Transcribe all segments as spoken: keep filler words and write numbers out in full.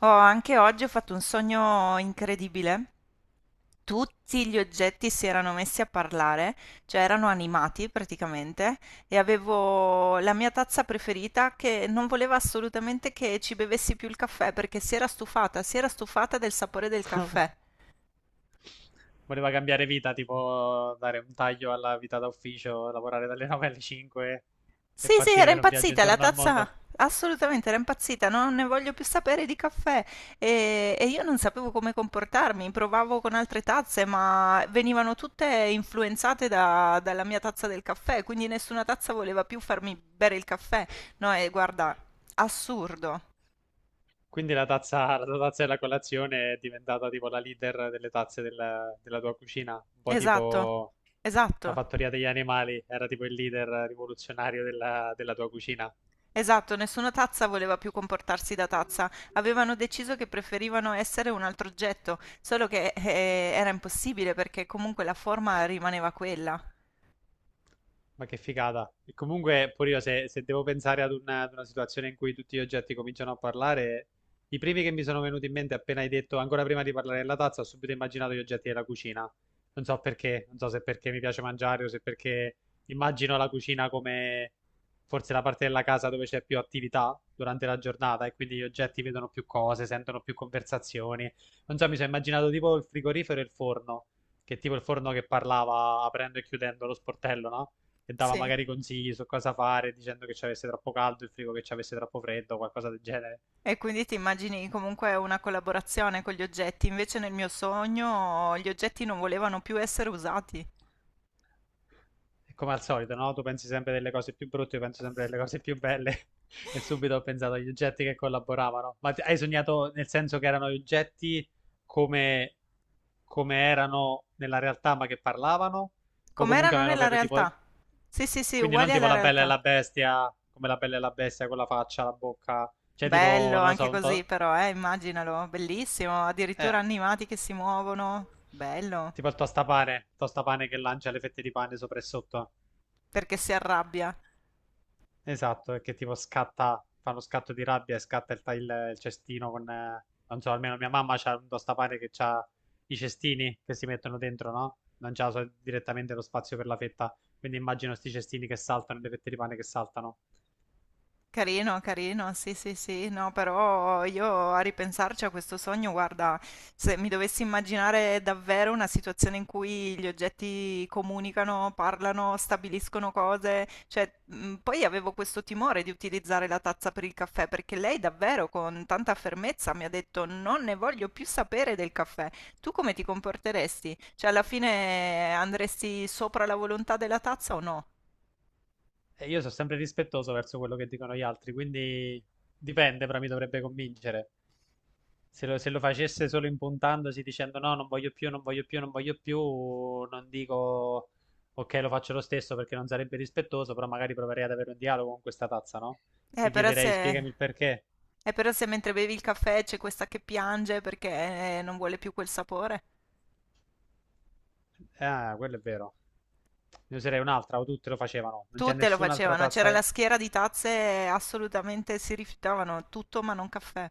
Oh, anche oggi ho fatto un sogno incredibile. Tutti gli oggetti si erano messi a parlare, cioè erano animati praticamente, e avevo la mia tazza preferita che non voleva assolutamente che ci bevessi più il caffè perché si era stufata, si era stufata del sapore del caffè. Voleva cambiare vita, tipo dare un taglio alla vita da ufficio, lavorare dalle nove alle cinque e Sì, sì, partire era per un viaggio impazzita la intorno al tazza, mondo. assolutamente era impazzita, non ne voglio più sapere di caffè. E, e io non sapevo come comportarmi, provavo con altre tazze, ma venivano tutte influenzate da- dalla mia tazza del caffè, quindi nessuna tazza voleva più farmi bere il caffè. No, e guarda, assurdo. Quindi la tazza, la tua tazza della colazione è diventata tipo la leader delle tazze della, della tua cucina, un po' Esatto, tipo la esatto. fattoria degli animali, era tipo il leader rivoluzionario della, della tua cucina. Esatto, nessuna tazza voleva più comportarsi da tazza, avevano deciso che preferivano essere un altro oggetto, solo che eh, era impossibile perché comunque la forma rimaneva quella. Ma che figata. E comunque, pure io, se, se devo pensare ad una, ad una situazione in cui tutti gli oggetti cominciano a parlare, i primi che mi sono venuti in mente appena hai detto, ancora prima di parlare della tazza, ho subito immaginato gli oggetti della cucina. Non so perché, non so se perché mi piace mangiare o se perché immagino la cucina come forse la parte della casa dove c'è più attività durante la giornata e quindi gli oggetti vedono più cose, sentono più conversazioni. Non so, mi sono immaginato tipo il frigorifero e il forno, che è tipo il forno che parlava aprendo e chiudendo lo sportello, no? E dava Sì. magari consigli su cosa fare, dicendo che ci avesse troppo caldo, il frigo che ci avesse troppo freddo, qualcosa del genere. E quindi ti immagini comunque una collaborazione con gli oggetti, invece nel mio sogno gli oggetti non volevano più essere usati. E come al solito, no? Tu pensi sempre delle cose più brutte, io penso sempre delle cose più belle. E subito ho pensato agli oggetti che collaboravano. Ma ti- hai sognato nel senso che erano gli oggetti come, come erano nella realtà, ma che parlavano? O comunque Com'erano avevano nella proprio tipo... realtà? Sì, sì, sì, Quindi non uguali tipo alla la bella e realtà. la bestia, come la bella e la bestia con la faccia, la bocca. Cioè tipo, Bello non lo anche so, un così to... però, eh, immaginalo, bellissimo, addirittura Eh, animati che si muovono. Bello Tipo il tostapane, tostapane che lancia le fette di pane sopra e sotto. perché si arrabbia. Esatto, e che tipo scatta, fa lo scatto di rabbia e scatta il, ta- il- il cestino con... eh, non so, almeno mia mamma c'ha un tostapane che ha i cestini che si mettono dentro, no? Non c'ha so- direttamente lo spazio per la fetta. Quindi immagino sti cestini che saltano, e le fette di pane che saltano. Carino, carino, sì, sì, sì, no, però io a ripensarci a questo sogno, guarda, se mi dovessi immaginare davvero una situazione in cui gli oggetti comunicano, parlano, stabiliscono cose, cioè, mh, poi avevo questo timore di utilizzare la tazza per il caffè, perché lei davvero con tanta fermezza mi ha detto non ne voglio più sapere del caffè. Tu come ti comporteresti? Cioè, alla fine andresti sopra la volontà della tazza o no? E io sono sempre rispettoso verso quello che dicono gli altri, quindi dipende, però mi dovrebbe convincere. Se lo, se lo facesse solo impuntandosi dicendo no, non voglio più, non voglio più, non voglio più, non dico ok, lo faccio lo stesso perché non sarebbe rispettoso, però magari proverei ad avere un dialogo con questa tazza, no? Eh, Gli però chiederei se... spiegami il perché. eh, però se mentre bevi il caffè c'è questa che piange perché eh, non vuole più quel sapore. Ah, quello è vero. Ne userei un'altra, o tutte lo facevano. Non c'è Tutte lo nessun'altra facevano, c'era tazza. la che- schiera di tazze, assolutamente si rifiutavano tutto ma non caffè.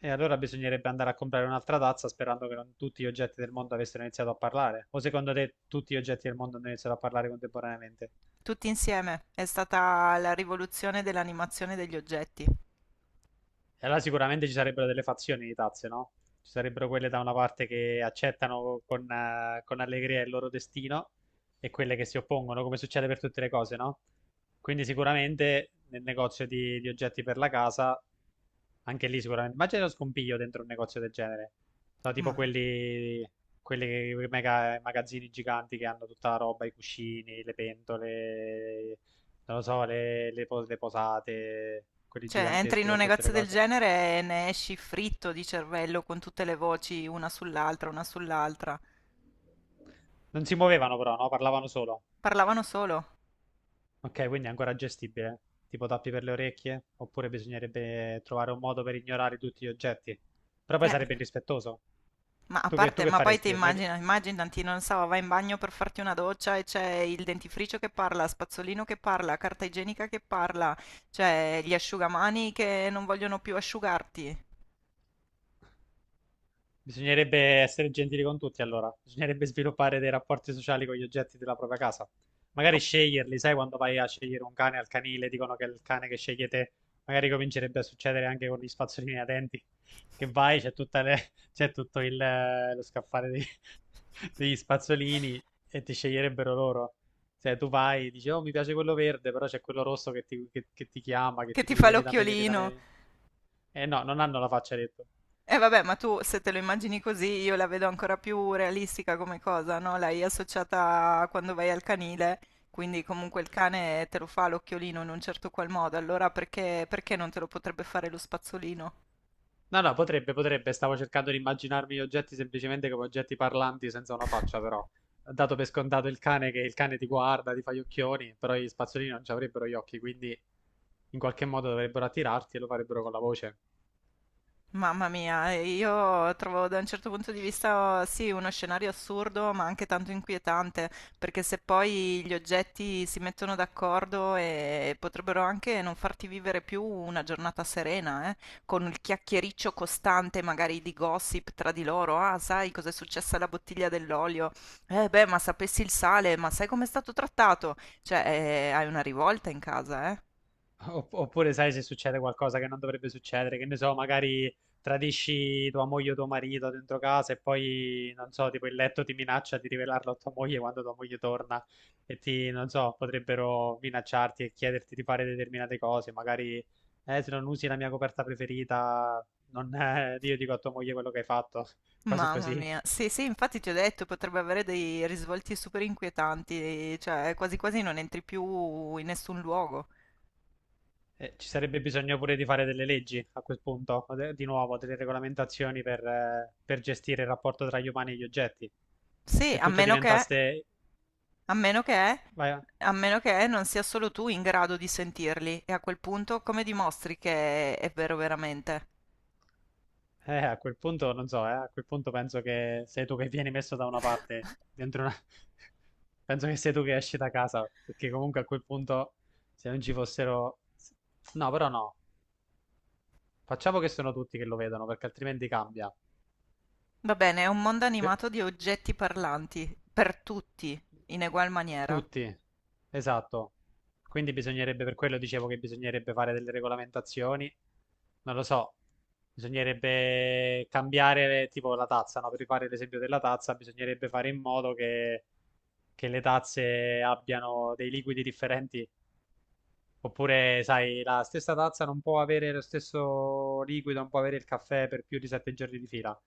E allora bisognerebbe andare a comprare un'altra tazza sperando che non tutti gli oggetti del mondo avessero iniziato a parlare. O secondo te tutti gli oggetti del mondo hanno iniziato a parlare contemporaneamente? Tutti insieme. È stata la rivoluzione dell'animazione degli oggetti. E allora sicuramente ci sarebbero delle fazioni di tazze, no? Ci sarebbero quelle da una parte che accettano con, eh, con allegria il loro destino e quelle che si oppongono, come succede per tutte le cose, no? Quindi sicuramente nel negozio di, di oggetti per la casa, anche lì sicuramente... Immagina lo scompiglio dentro un negozio del genere. No, tipo Ma... quelli, quelli che- quei mega- magazzini giganti che hanno tutta la roba, i cuscini, le pentole, non lo so, le le pos- le posate, quelli cioè, entri in giganteschi un con tutte le negozio del cose. genere e ne esci fritto di cervello con tutte le voci, una sull'altra, una sull'altra. Non si muovevano però, no? Parlavano solo. Parlavano solo. Ok, quindi è ancora gestibile. Tipo tappi per le orecchie, oppure bisognerebbe trovare un modo per ignorare tutti gli oggetti. Però poi Eh. sarebbe irrispettoso. Ma a Tu che, tu parte, che ma poi te faresti? Ma chi- immagina immaginati, non so, vai in bagno per farti una doccia e c'è il dentifricio che parla, spazzolino che parla, carta igienica che parla, cioè gli asciugamani che non vogliono più asciugarti, Bisognerebbe essere gentili con tutti, allora. Bisognerebbe sviluppare dei rapporti sociali con gli oggetti della propria casa. o Magari sceglierli, sai, quando vai a scegliere un cane al canile, dicono che è il cane che scegli te, magari comincerebbe a succedere anche con gli spazzolini da denti, che vai, c'è tutta le- c'è tutto il, eh, lo scaffale dei- degli spazzolini e ti sceglierebbero loro. Se tu vai, dici, oh, mi piace quello verde, però c'è quello rosso che ti, che- che ti chiama, che che ti ti dice, fa vieni da me, vieni da l'occhiolino. me. Eh no, non hanno la faccia, hai detto. E vabbè, ma tu se te lo immagini così, io la vedo ancora più realistica come cosa, no? L'hai associata a quando vai al canile, quindi comunque il cane te lo fa l'occhiolino in un certo qual modo, allora perché, perché non te lo potrebbe fare lo spazzolino? No, no, potrebbe, potrebbe. Stavo cercando di immaginarmi gli oggetti semplicemente come oggetti parlanti senza una faccia, però. Dato per scontato il cane che il cane ti guarda, ti fa gli occhioni, però gli spazzolini non ci avrebbero gli occhi, quindi in qualche modo dovrebbero attirarti e lo farebbero con la voce. Mamma mia, e io trovo da un certo punto di vista sì, uno scenario assurdo, ma anche tanto inquietante, perché se poi gli oggetti si mettono d'accordo e potrebbero anche non farti vivere più una giornata serena, eh, con il chiacchiericcio costante magari di gossip tra di loro, ah, sai cos'è successa alla bottiglia dell'olio? Eh beh, ma sapessi il sale, ma sai com'è stato trattato? Cioè, eh, hai una rivolta in casa, eh. Opp- Oppure sai se succede qualcosa che non dovrebbe succedere, che ne so, magari tradisci tua moglie o tuo marito dentro casa e poi, non so, tipo il letto ti minaccia di rivelarlo a tua moglie quando tua moglie torna e ti, non so, potrebbero minacciarti e chiederti di fare determinate cose, magari, eh, se non usi la mia coperta preferita, non, eh, io dico a tua moglie quello che hai fatto, cose Mamma così. mia, sì, sì, infatti ti ho detto, potrebbe avere dei risvolti super inquietanti, cioè quasi quasi non entri più in nessun luogo. Eh, ci sarebbe bisogno pure di fare delle leggi a quel punto, o de- di nuovo, delle regolamentazioni per, eh, per gestire il rapporto tra gli umani e gli oggetti. Sì, Se a tutto meno che, diventasse... a meno scu- che, vai a- a meno che non sia solo tu in grado di sentirli, e a quel punto come dimostri che è vero veramente? eh, a quel punto non so, eh, a quel punto penso che sei tu che vieni messo da una parte, dentro una... penso che sei tu che esci da casa, perché comunque a quel punto se non ci fossero... No, però no, facciamo che sono tutti che lo vedono, perché altrimenti cambia. Va bene, è un mondo Eh, animato di oggetti parlanti, per tutti, in egual maniera. Tutti, esatto. Quindi bisognerebbe, per quello dicevo che bisognerebbe fare delle regolamentazioni, non lo so, bisognerebbe cambiare tipo la tazza, no? Per rifare l'esempio della tazza, bisognerebbe fare in modo che, che le tazze abbiano dei liquidi differenti, oppure, sai, la stessa tazza non può avere lo stesso liquido, non può avere il caffè per più di sette giorni di fila.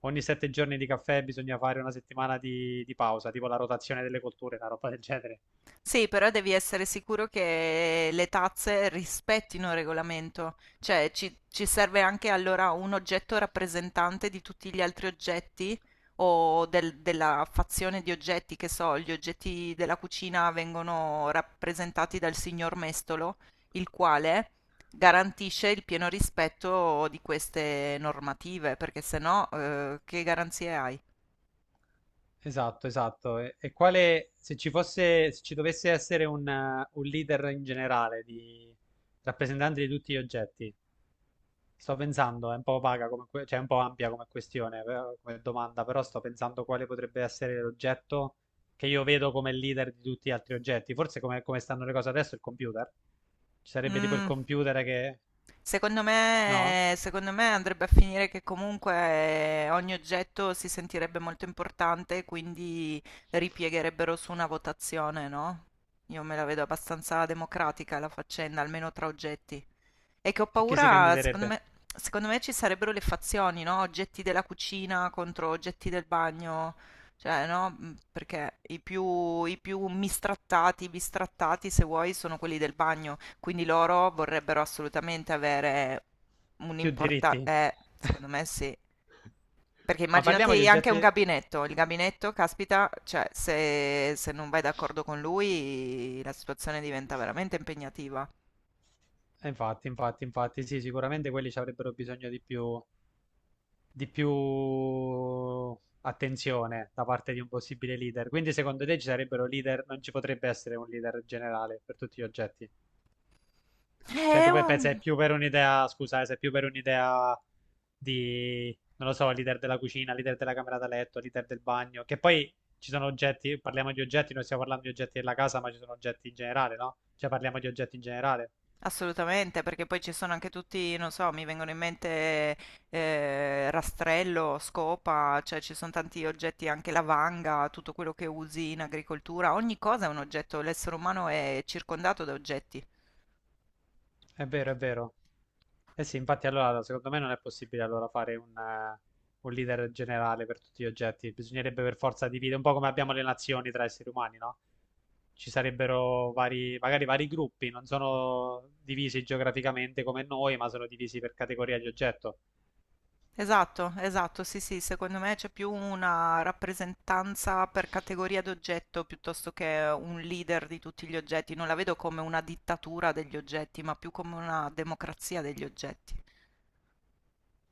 Ogni sette giorni di caffè bisogna fare una settimana di, di pausa, tipo la rotazione delle colture, una roba del genere. Sì, però devi essere sicuro che le tazze rispettino il regolamento, cioè ci, ci serve anche allora un oggetto rappresentante di tutti gli altri oggetti o del- della fazione di oggetti, che so, gli oggetti della cucina vengono rappresentati dal signor Mestolo, il quale garantisce il pieno rispetto di queste normative, perché se no, eh, che garanzie hai? Esatto, esatto. E, e quale, se ci fosse, se ci dovesse essere un, eh, un leader in generale di rappresentante di tutti gli oggetti, sto pensando, è un po' vaga come, que- cioè è un po' ampia come questione, però- come domanda, però sto pensando quale potrebbe essere l'oggetto che io vedo come leader di tutti gli altri oggetti. Forse come, come stanno le cose adesso, il computer. Ci sarebbe tipo il Mm. computer che... Secondo No? me, secondo me andrebbe a finire che comunque eh, ogni oggetto si sentirebbe molto importante, quindi ripiegherebbero su una votazione, no? Io me la vedo abbastanza democratica la faccenda, almeno tra oggetti. E che ho E chi si paura, secondo candiderebbe? me, secondo me ci sarebbero le fazioni, no? Oggetti della cucina contro oggetti del bagno, cioè, no? Mm, perché i più, i più mistrattati, bistrattati, se vuoi, sono quelli del bagno, quindi loro vorrebbero assolutamente avere Più un'importanza, diritti. eh, secondo me sì. Perché Ma parliamo di immaginati anche un oggetti. gabinetto, il gabinetto, caspita, cioè se, se non vai d'accordo con lui la situazione diventa veramente impegnativa. Eh, Infatti, infatti, infatti, sì, sicuramente quelli ci avrebbero bisogno di più, di più attenzione da parte di un possibile leader. Quindi, secondo te ci sarebbero leader? Non ci potrebbe essere un leader generale per tutti gli oggetti? Cioè, Eh, tu pe- pensi è um, più per un'idea, scusa, eh, se è più per un'idea di, non lo so, leader della cucina, leader della camera da letto, leader del bagno, che poi ci sono oggetti, parliamo di oggetti, non stiamo parlando di oggetti della casa, ma ci sono oggetti in generale, no? Cioè, parliamo di oggetti in generale. Assolutamente, perché poi ci sono anche tutti, non so, mi vengono in mente eh, rastrello, scopa, cioè ci sono tanti oggetti, anche la vanga, tutto quello che usi in agricoltura, ogni cosa è un oggetto, l'essere umano è circondato da oggetti. È vero, è vero. Eh sì, infatti allora secondo me non è possibile allora fare un, eh, un leader generale per tutti gli oggetti, bisognerebbe per forza dividere, un po' come abbiamo le nazioni tra esseri umani, no? Ci sarebbero vari, magari vari gruppi, non sono divisi geograficamente come noi, ma sono divisi per categoria di oggetto. Esatto, esatto, sì, sì, secondo me c'è più una rappresentanza per categoria d'oggetto piuttosto che un leader di tutti gli oggetti, non la vedo come una dittatura degli oggetti, ma più come una democrazia degli oggetti.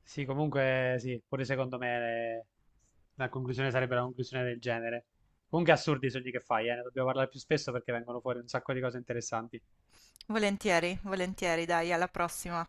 Sì, comunque sì, pure secondo me eh, la conclusione sarebbe una conclusione del genere. Comunque assurdi i sogni che fai, eh, ne dobbiamo parlare più spesso perché vengono fuori un sacco di cose interessanti. Volentieri, volentieri, dai, alla prossima.